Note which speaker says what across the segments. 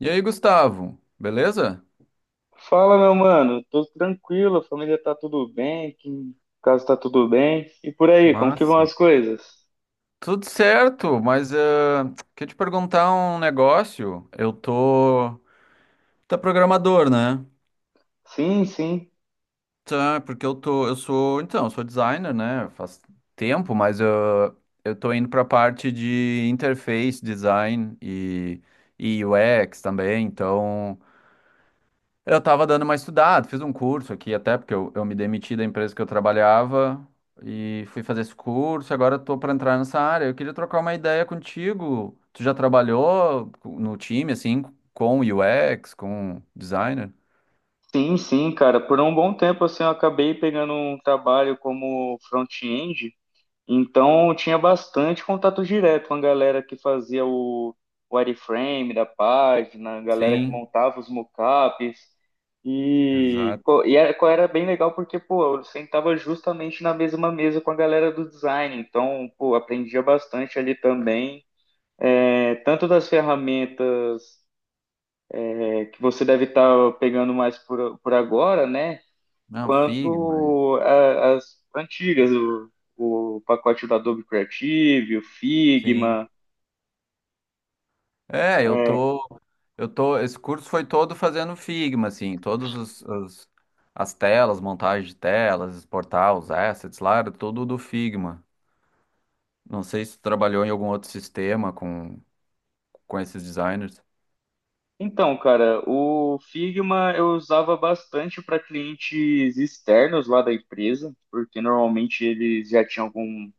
Speaker 1: E aí, Gustavo, beleza?
Speaker 2: Fala, meu mano. Tudo tranquilo, a família tá tudo bem, aqui em casa tá tudo bem. E por aí, como que vão
Speaker 1: Massa.
Speaker 2: as coisas?
Speaker 1: Tudo certo, mas queria te perguntar um negócio. Eu tô. Tá programador, né?
Speaker 2: Sim, sim.
Speaker 1: Tá, porque eu tô. Eu sou. Então, eu sou designer, né? Faz tempo, mas eu tô indo pra parte de interface design e UX também. Então, eu tava dando uma estudada, fiz um curso aqui até, porque eu me demiti da empresa que eu trabalhava e fui fazer esse curso, agora eu tô pra entrar nessa área. Eu queria trocar uma ideia contigo. Tu já trabalhou no time, assim, com UX, com designer?
Speaker 2: Sim, sim, cara. Por um bom tempo, assim, eu acabei pegando um trabalho como front-end. Então eu tinha bastante contato direto com a galera que fazia o wireframe da página, a galera que
Speaker 1: Sim,
Speaker 2: montava os mockups. E,
Speaker 1: exato.
Speaker 2: pô, e era, era bem legal porque, pô, eu sentava justamente na mesma mesa com a galera do design. Então, pô, aprendia bastante ali também. É, tanto das ferramentas é, que você deve estar pegando mais por agora, né?
Speaker 1: Não, Figma.
Speaker 2: Quanto as antigas, o pacote da Adobe Creative, o
Speaker 1: Sim.
Speaker 2: Figma.
Speaker 1: É,
Speaker 2: É.
Speaker 1: eu tô, esse curso foi todo fazendo Figma, assim, todos os as telas, montagem de telas, exportar os assets lá, era tudo do Figma. Não sei se tu trabalhou em algum outro sistema com esses designers.
Speaker 2: Então, cara, o Figma eu usava bastante para clientes externos lá da empresa, porque normalmente eles já tinham algum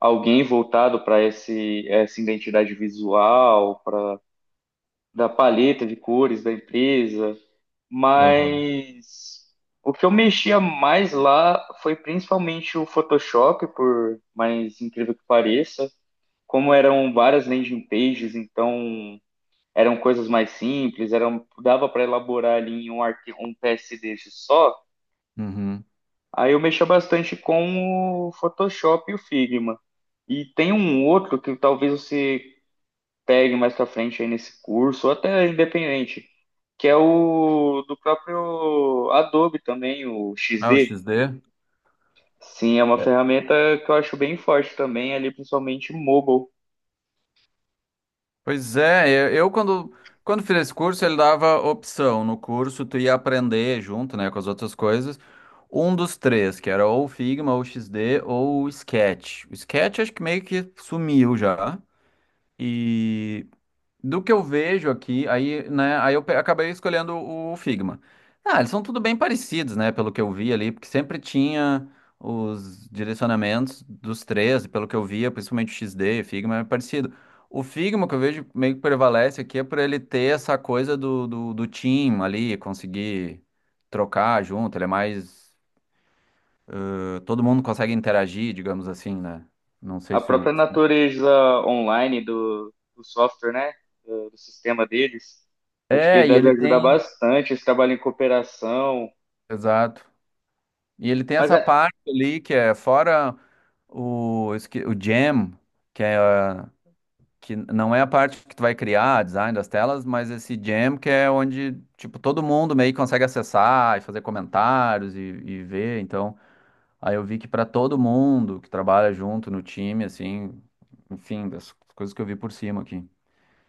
Speaker 2: alguém voltado para esse essa identidade visual, para da paleta de cores da empresa.
Speaker 1: Aham.
Speaker 2: Mas o que eu mexia mais lá foi principalmente o Photoshop, por mais incrível que pareça. Como eram várias landing pages, então eram coisas mais simples, eram, dava para elaborar ali em um arquivo, um PSD só.
Speaker 1: Uhum.
Speaker 2: Aí eu mexia bastante com o Photoshop e o Figma. E tem um outro que talvez você pegue mais pra frente aí nesse curso, ou até independente, que é o do próprio Adobe também, o
Speaker 1: Ah, o
Speaker 2: XD.
Speaker 1: XD?
Speaker 2: Sim, é uma
Speaker 1: É.
Speaker 2: ferramenta que eu acho bem forte também, ali principalmente mobile.
Speaker 1: Pois é, eu quando, quando fiz esse curso, ele dava opção. No curso, tu ia aprender junto, né, com as outras coisas, um dos três, que era ou o Figma, ou o XD, ou o Sketch. O Sketch acho que meio que sumiu já. E do que eu vejo aqui, aí, né, acabei escolhendo o Figma. Ah, eles são tudo bem parecidos, né, pelo que eu vi ali, porque sempre tinha os direcionamentos dos três, pelo que eu via, principalmente o XD, Figma é parecido. O Figma que eu vejo meio que prevalece aqui é por ele ter essa coisa do team ali, conseguir trocar junto, ele é mais... Todo mundo consegue interagir, digamos assim, né? Não sei
Speaker 2: A
Speaker 1: se o...
Speaker 2: própria natureza online do software, né? Do sistema deles. Acho que
Speaker 1: É, e
Speaker 2: deve
Speaker 1: ele
Speaker 2: ajudar
Speaker 1: tem...
Speaker 2: bastante esse trabalho em cooperação.
Speaker 1: Exato. E ele tem
Speaker 2: Mas
Speaker 1: essa
Speaker 2: é,
Speaker 1: parte ali que é fora o, o jam, que é que não é a parte que tu vai criar, design das telas, mas esse jam que é onde, tipo, todo mundo meio que consegue acessar e fazer comentários e ver. Então, aí eu vi que para todo mundo que trabalha junto no time, assim, enfim, das coisas que eu vi por cima aqui.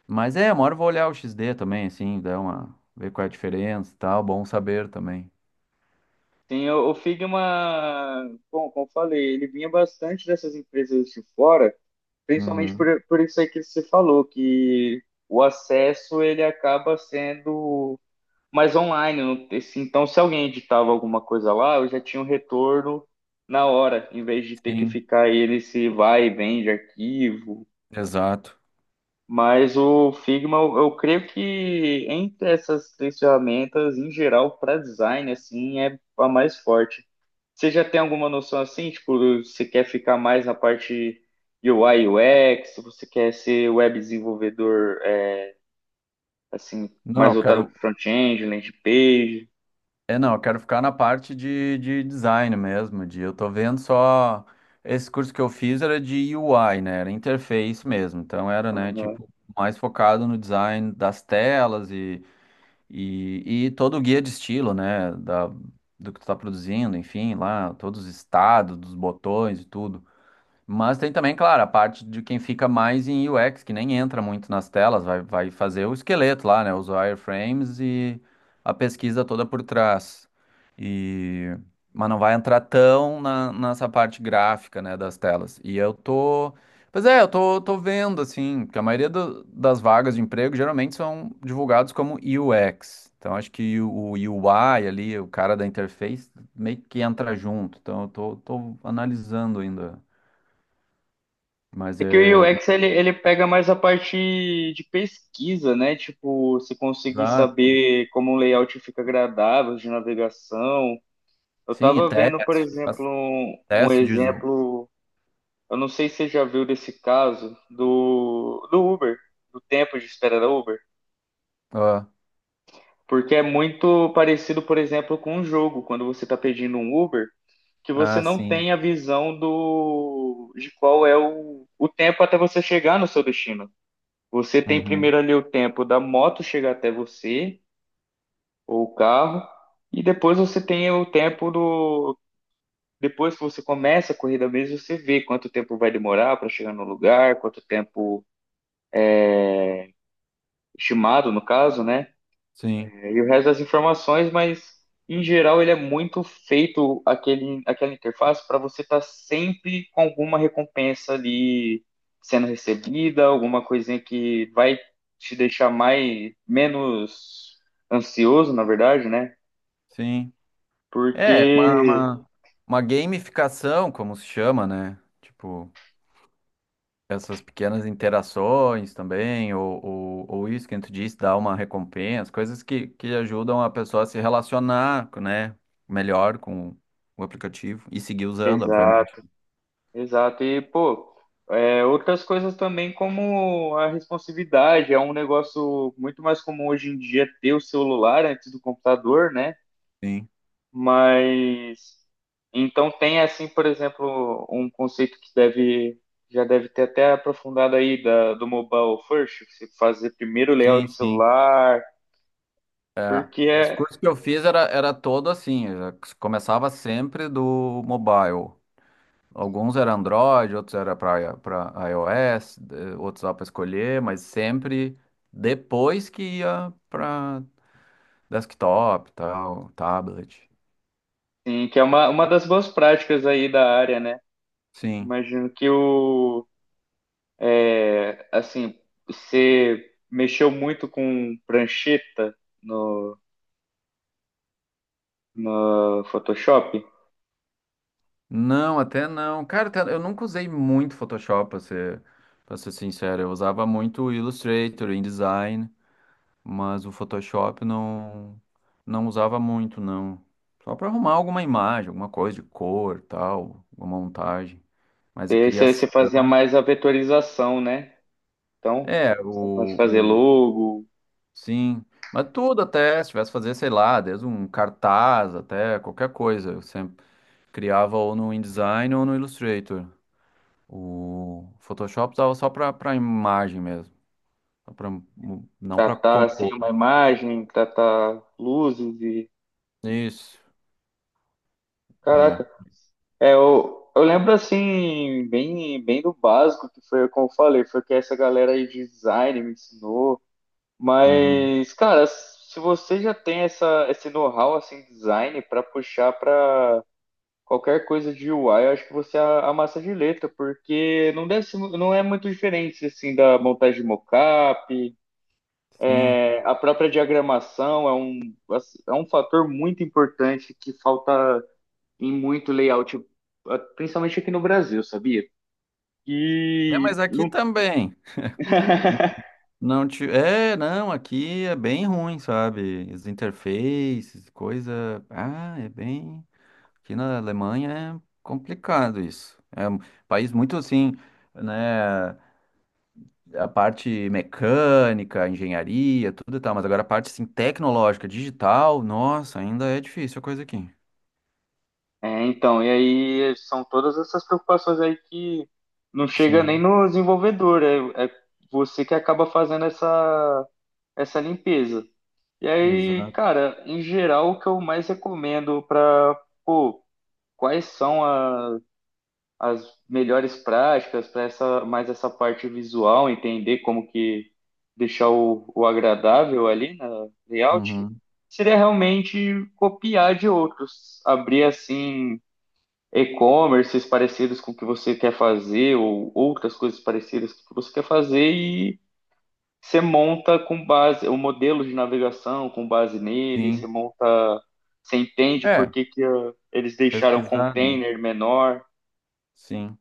Speaker 1: Mas é, uma hora eu vou olhar o XD também, assim, dar uma, ver qual é a diferença e tal, bom saber também.
Speaker 2: sim, o Figma, bom, como eu falei, ele vinha bastante dessas empresas de fora. Principalmente
Speaker 1: Uhum.
Speaker 2: por isso aí que você falou, que o acesso ele acaba sendo mais online. Então, se alguém editava alguma coisa lá, eu já tinha um retorno na hora, em vez de ter que
Speaker 1: Sim,
Speaker 2: ficar ele se vai e vem de arquivo.
Speaker 1: exato.
Speaker 2: Mas o Figma, eu creio que entre essas três ferramentas, em geral, para design, assim, é a mais forte. Você já tem alguma noção assim? Tipo, você quer ficar mais na parte de UI UX? Você quer ser web desenvolvedor, é, assim,
Speaker 1: Não,
Speaker 2: mais
Speaker 1: eu
Speaker 2: voltado
Speaker 1: quero.
Speaker 2: para front-end, landing page?
Speaker 1: É, não, eu quero ficar na parte de design mesmo. De, eu tô vendo só. Esse curso que eu fiz era de UI, né? Era interface mesmo. Então era, né,
Speaker 2: Aham.
Speaker 1: tipo, mais focado no design das telas e todo o guia de estilo, né? Da, do que tu tá produzindo, enfim, lá, todos os estados, dos botões e tudo. Mas tem também, claro, a parte de quem fica mais em UX, que nem entra muito nas telas, vai, vai fazer o esqueleto lá, né? Os wireframes e a pesquisa toda por trás. E... Mas não vai entrar tão na, nessa parte gráfica, né, das telas. E eu tô. Pois é, tô vendo, assim, que a maioria das vagas de emprego geralmente são divulgados como UX. Então acho que o UI ali, o cara da interface, meio que entra junto. Então tô analisando ainda. Mas
Speaker 2: É que o
Speaker 1: é.
Speaker 2: UX ele, ele pega mais a parte de pesquisa, né? Tipo, você conseguir
Speaker 1: Exato.
Speaker 2: saber como um layout fica agradável de navegação. Eu
Speaker 1: Sim, e
Speaker 2: tava vendo, por
Speaker 1: teste,
Speaker 2: exemplo,
Speaker 1: faz
Speaker 2: um
Speaker 1: teste de uso.
Speaker 2: exemplo, eu não sei se você já viu desse caso, do Uber, do tempo de espera da Uber.
Speaker 1: Ah,
Speaker 2: Porque é muito parecido, por exemplo, com um jogo, quando você está pedindo um Uber, que você
Speaker 1: ah,
Speaker 2: não
Speaker 1: sim.
Speaker 2: tem a visão do de qual é o tempo até você chegar no seu destino. Você tem
Speaker 1: Uhum.
Speaker 2: primeiro ali o tempo da moto chegar até você, ou o carro, e depois você tem o tempo do. Depois que você começa a corrida mesmo, você vê quanto tempo vai demorar para chegar no lugar, quanto tempo estimado, no caso, né?
Speaker 1: Sim,
Speaker 2: É, e o resto das informações, mas em geral ele é muito feito aquele, aquela interface para você estar sempre com alguma recompensa ali sendo recebida, alguma coisinha que vai te deixar mais menos ansioso, na verdade, né?
Speaker 1: sim. É,
Speaker 2: Porque
Speaker 1: uma gamificação, como se chama, né? Tipo, essas pequenas interações também, ou isso que tu disse, dar uma recompensa, coisas que ajudam a pessoa a se relacionar, né? Melhor com o aplicativo e seguir usando, obviamente.
Speaker 2: exato, exato. E pô, é, outras coisas também como a responsividade, é um negócio muito mais comum hoje em dia ter o celular antes do computador, né?
Speaker 1: Sim,
Speaker 2: Mas então tem assim, por exemplo, um conceito que deve já deve ter até aprofundado aí da, do mobile first, que você fazer primeiro o
Speaker 1: sim,
Speaker 2: layout
Speaker 1: sim.
Speaker 2: celular,
Speaker 1: É,
Speaker 2: porque
Speaker 1: esse
Speaker 2: é,
Speaker 1: curso que eu fiz era todo assim, já começava sempre do mobile. Alguns era Android, outros era para iOS, outros lá para escolher, mas sempre depois que ia para desktop, tal, tablet.
Speaker 2: sim, que é uma das boas práticas aí da área, né?
Speaker 1: Sim.
Speaker 2: Imagino que o é, assim, você mexeu muito com prancheta no, no Photoshop,
Speaker 1: Não, até não. Cara, eu nunca usei muito Photoshop, para ser sincero. Eu usava muito Illustrator, InDesign. Mas o Photoshop não usava muito, não. Só para arrumar alguma imagem, alguma coisa de cor, tal, uma montagem. Mas a
Speaker 2: você você
Speaker 1: criação,
Speaker 2: fazia mais a vetorização, né? Então,
Speaker 1: é,
Speaker 2: você pode fazer
Speaker 1: o
Speaker 2: logo,
Speaker 1: sim, mas tudo até, se tivesse que fazer, sei lá, desde um cartaz até qualquer coisa, eu sempre criava ou no InDesign ou no Illustrator. O Photoshop usava só para imagem mesmo, só pra, não para
Speaker 2: tratar assim
Speaker 1: compor.
Speaker 2: uma imagem, tratar luzes e
Speaker 1: Isso, é.
Speaker 2: caraca, é eu lembro assim bem bem do básico que foi como eu falei, foi que essa galera aí de design me ensinou,
Speaker 1: Uhum.
Speaker 2: mas cara, se você já tem essa esse know-how assim design para puxar para qualquer coisa de UI, eu acho que você amassa de letra, porque não deve ser, não é muito diferente assim da montagem de mockup.
Speaker 1: Sim.
Speaker 2: A própria diagramação é um fator muito importante que falta em muito layout, principalmente aqui no Brasil, sabia?
Speaker 1: É,
Speaker 2: E
Speaker 1: mas aqui
Speaker 2: não...
Speaker 1: também. Não te... É, não, aqui é bem ruim, sabe? As interfaces, coisa. Ah, é bem. Aqui na Alemanha é complicado isso. É um país muito assim, né? A parte mecânica, engenharia, tudo e tal, mas agora a parte assim, tecnológica, digital, nossa, ainda é difícil a coisa aqui.
Speaker 2: É, então, e aí são todas essas preocupações aí que não chega nem
Speaker 1: Sim,
Speaker 2: no desenvolvedor, é você que acaba fazendo essa, essa limpeza. E aí,
Speaker 1: exato.
Speaker 2: cara, em geral, o que eu mais recomendo para, pô, quais são as as melhores práticas para essa mais essa parte visual, entender como que deixar o agradável ali na layout,
Speaker 1: Uhum,
Speaker 2: seria realmente copiar de outros, abrir assim e-commerces parecidos com o que você quer fazer ou outras coisas parecidas com o que você quer fazer e você monta com base o modelo de navegação com base nele, você
Speaker 1: sim.
Speaker 2: monta, você entende por
Speaker 1: É,
Speaker 2: que que ah, eles deixaram o
Speaker 1: pesquisar, né?
Speaker 2: container menor,
Speaker 1: Sim.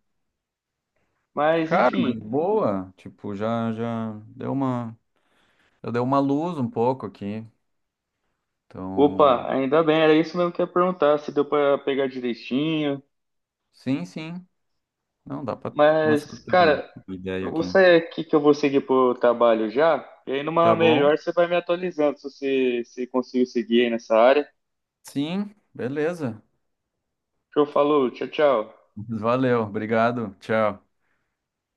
Speaker 2: mas
Speaker 1: Cara, mas
Speaker 2: enfim,
Speaker 1: boa. Tipo, já, já deu uma. Eu dei uma luz um pouco aqui. Então,
Speaker 2: Opa, ainda bem, era isso mesmo que eu ia perguntar, se deu pra pegar direitinho.
Speaker 1: sim, sim. Não, dá para começar a
Speaker 2: Mas,
Speaker 1: ter
Speaker 2: cara,
Speaker 1: uma ideia
Speaker 2: eu vou
Speaker 1: aqui.
Speaker 2: sair aqui que eu vou seguir pro trabalho já. E aí numa
Speaker 1: Tá bom?
Speaker 2: melhor você vai me atualizando se você se conseguiu seguir aí nessa área.
Speaker 1: Sim, beleza.
Speaker 2: Show, falou, tchau, tchau.
Speaker 1: Valeu, obrigado. Tchau.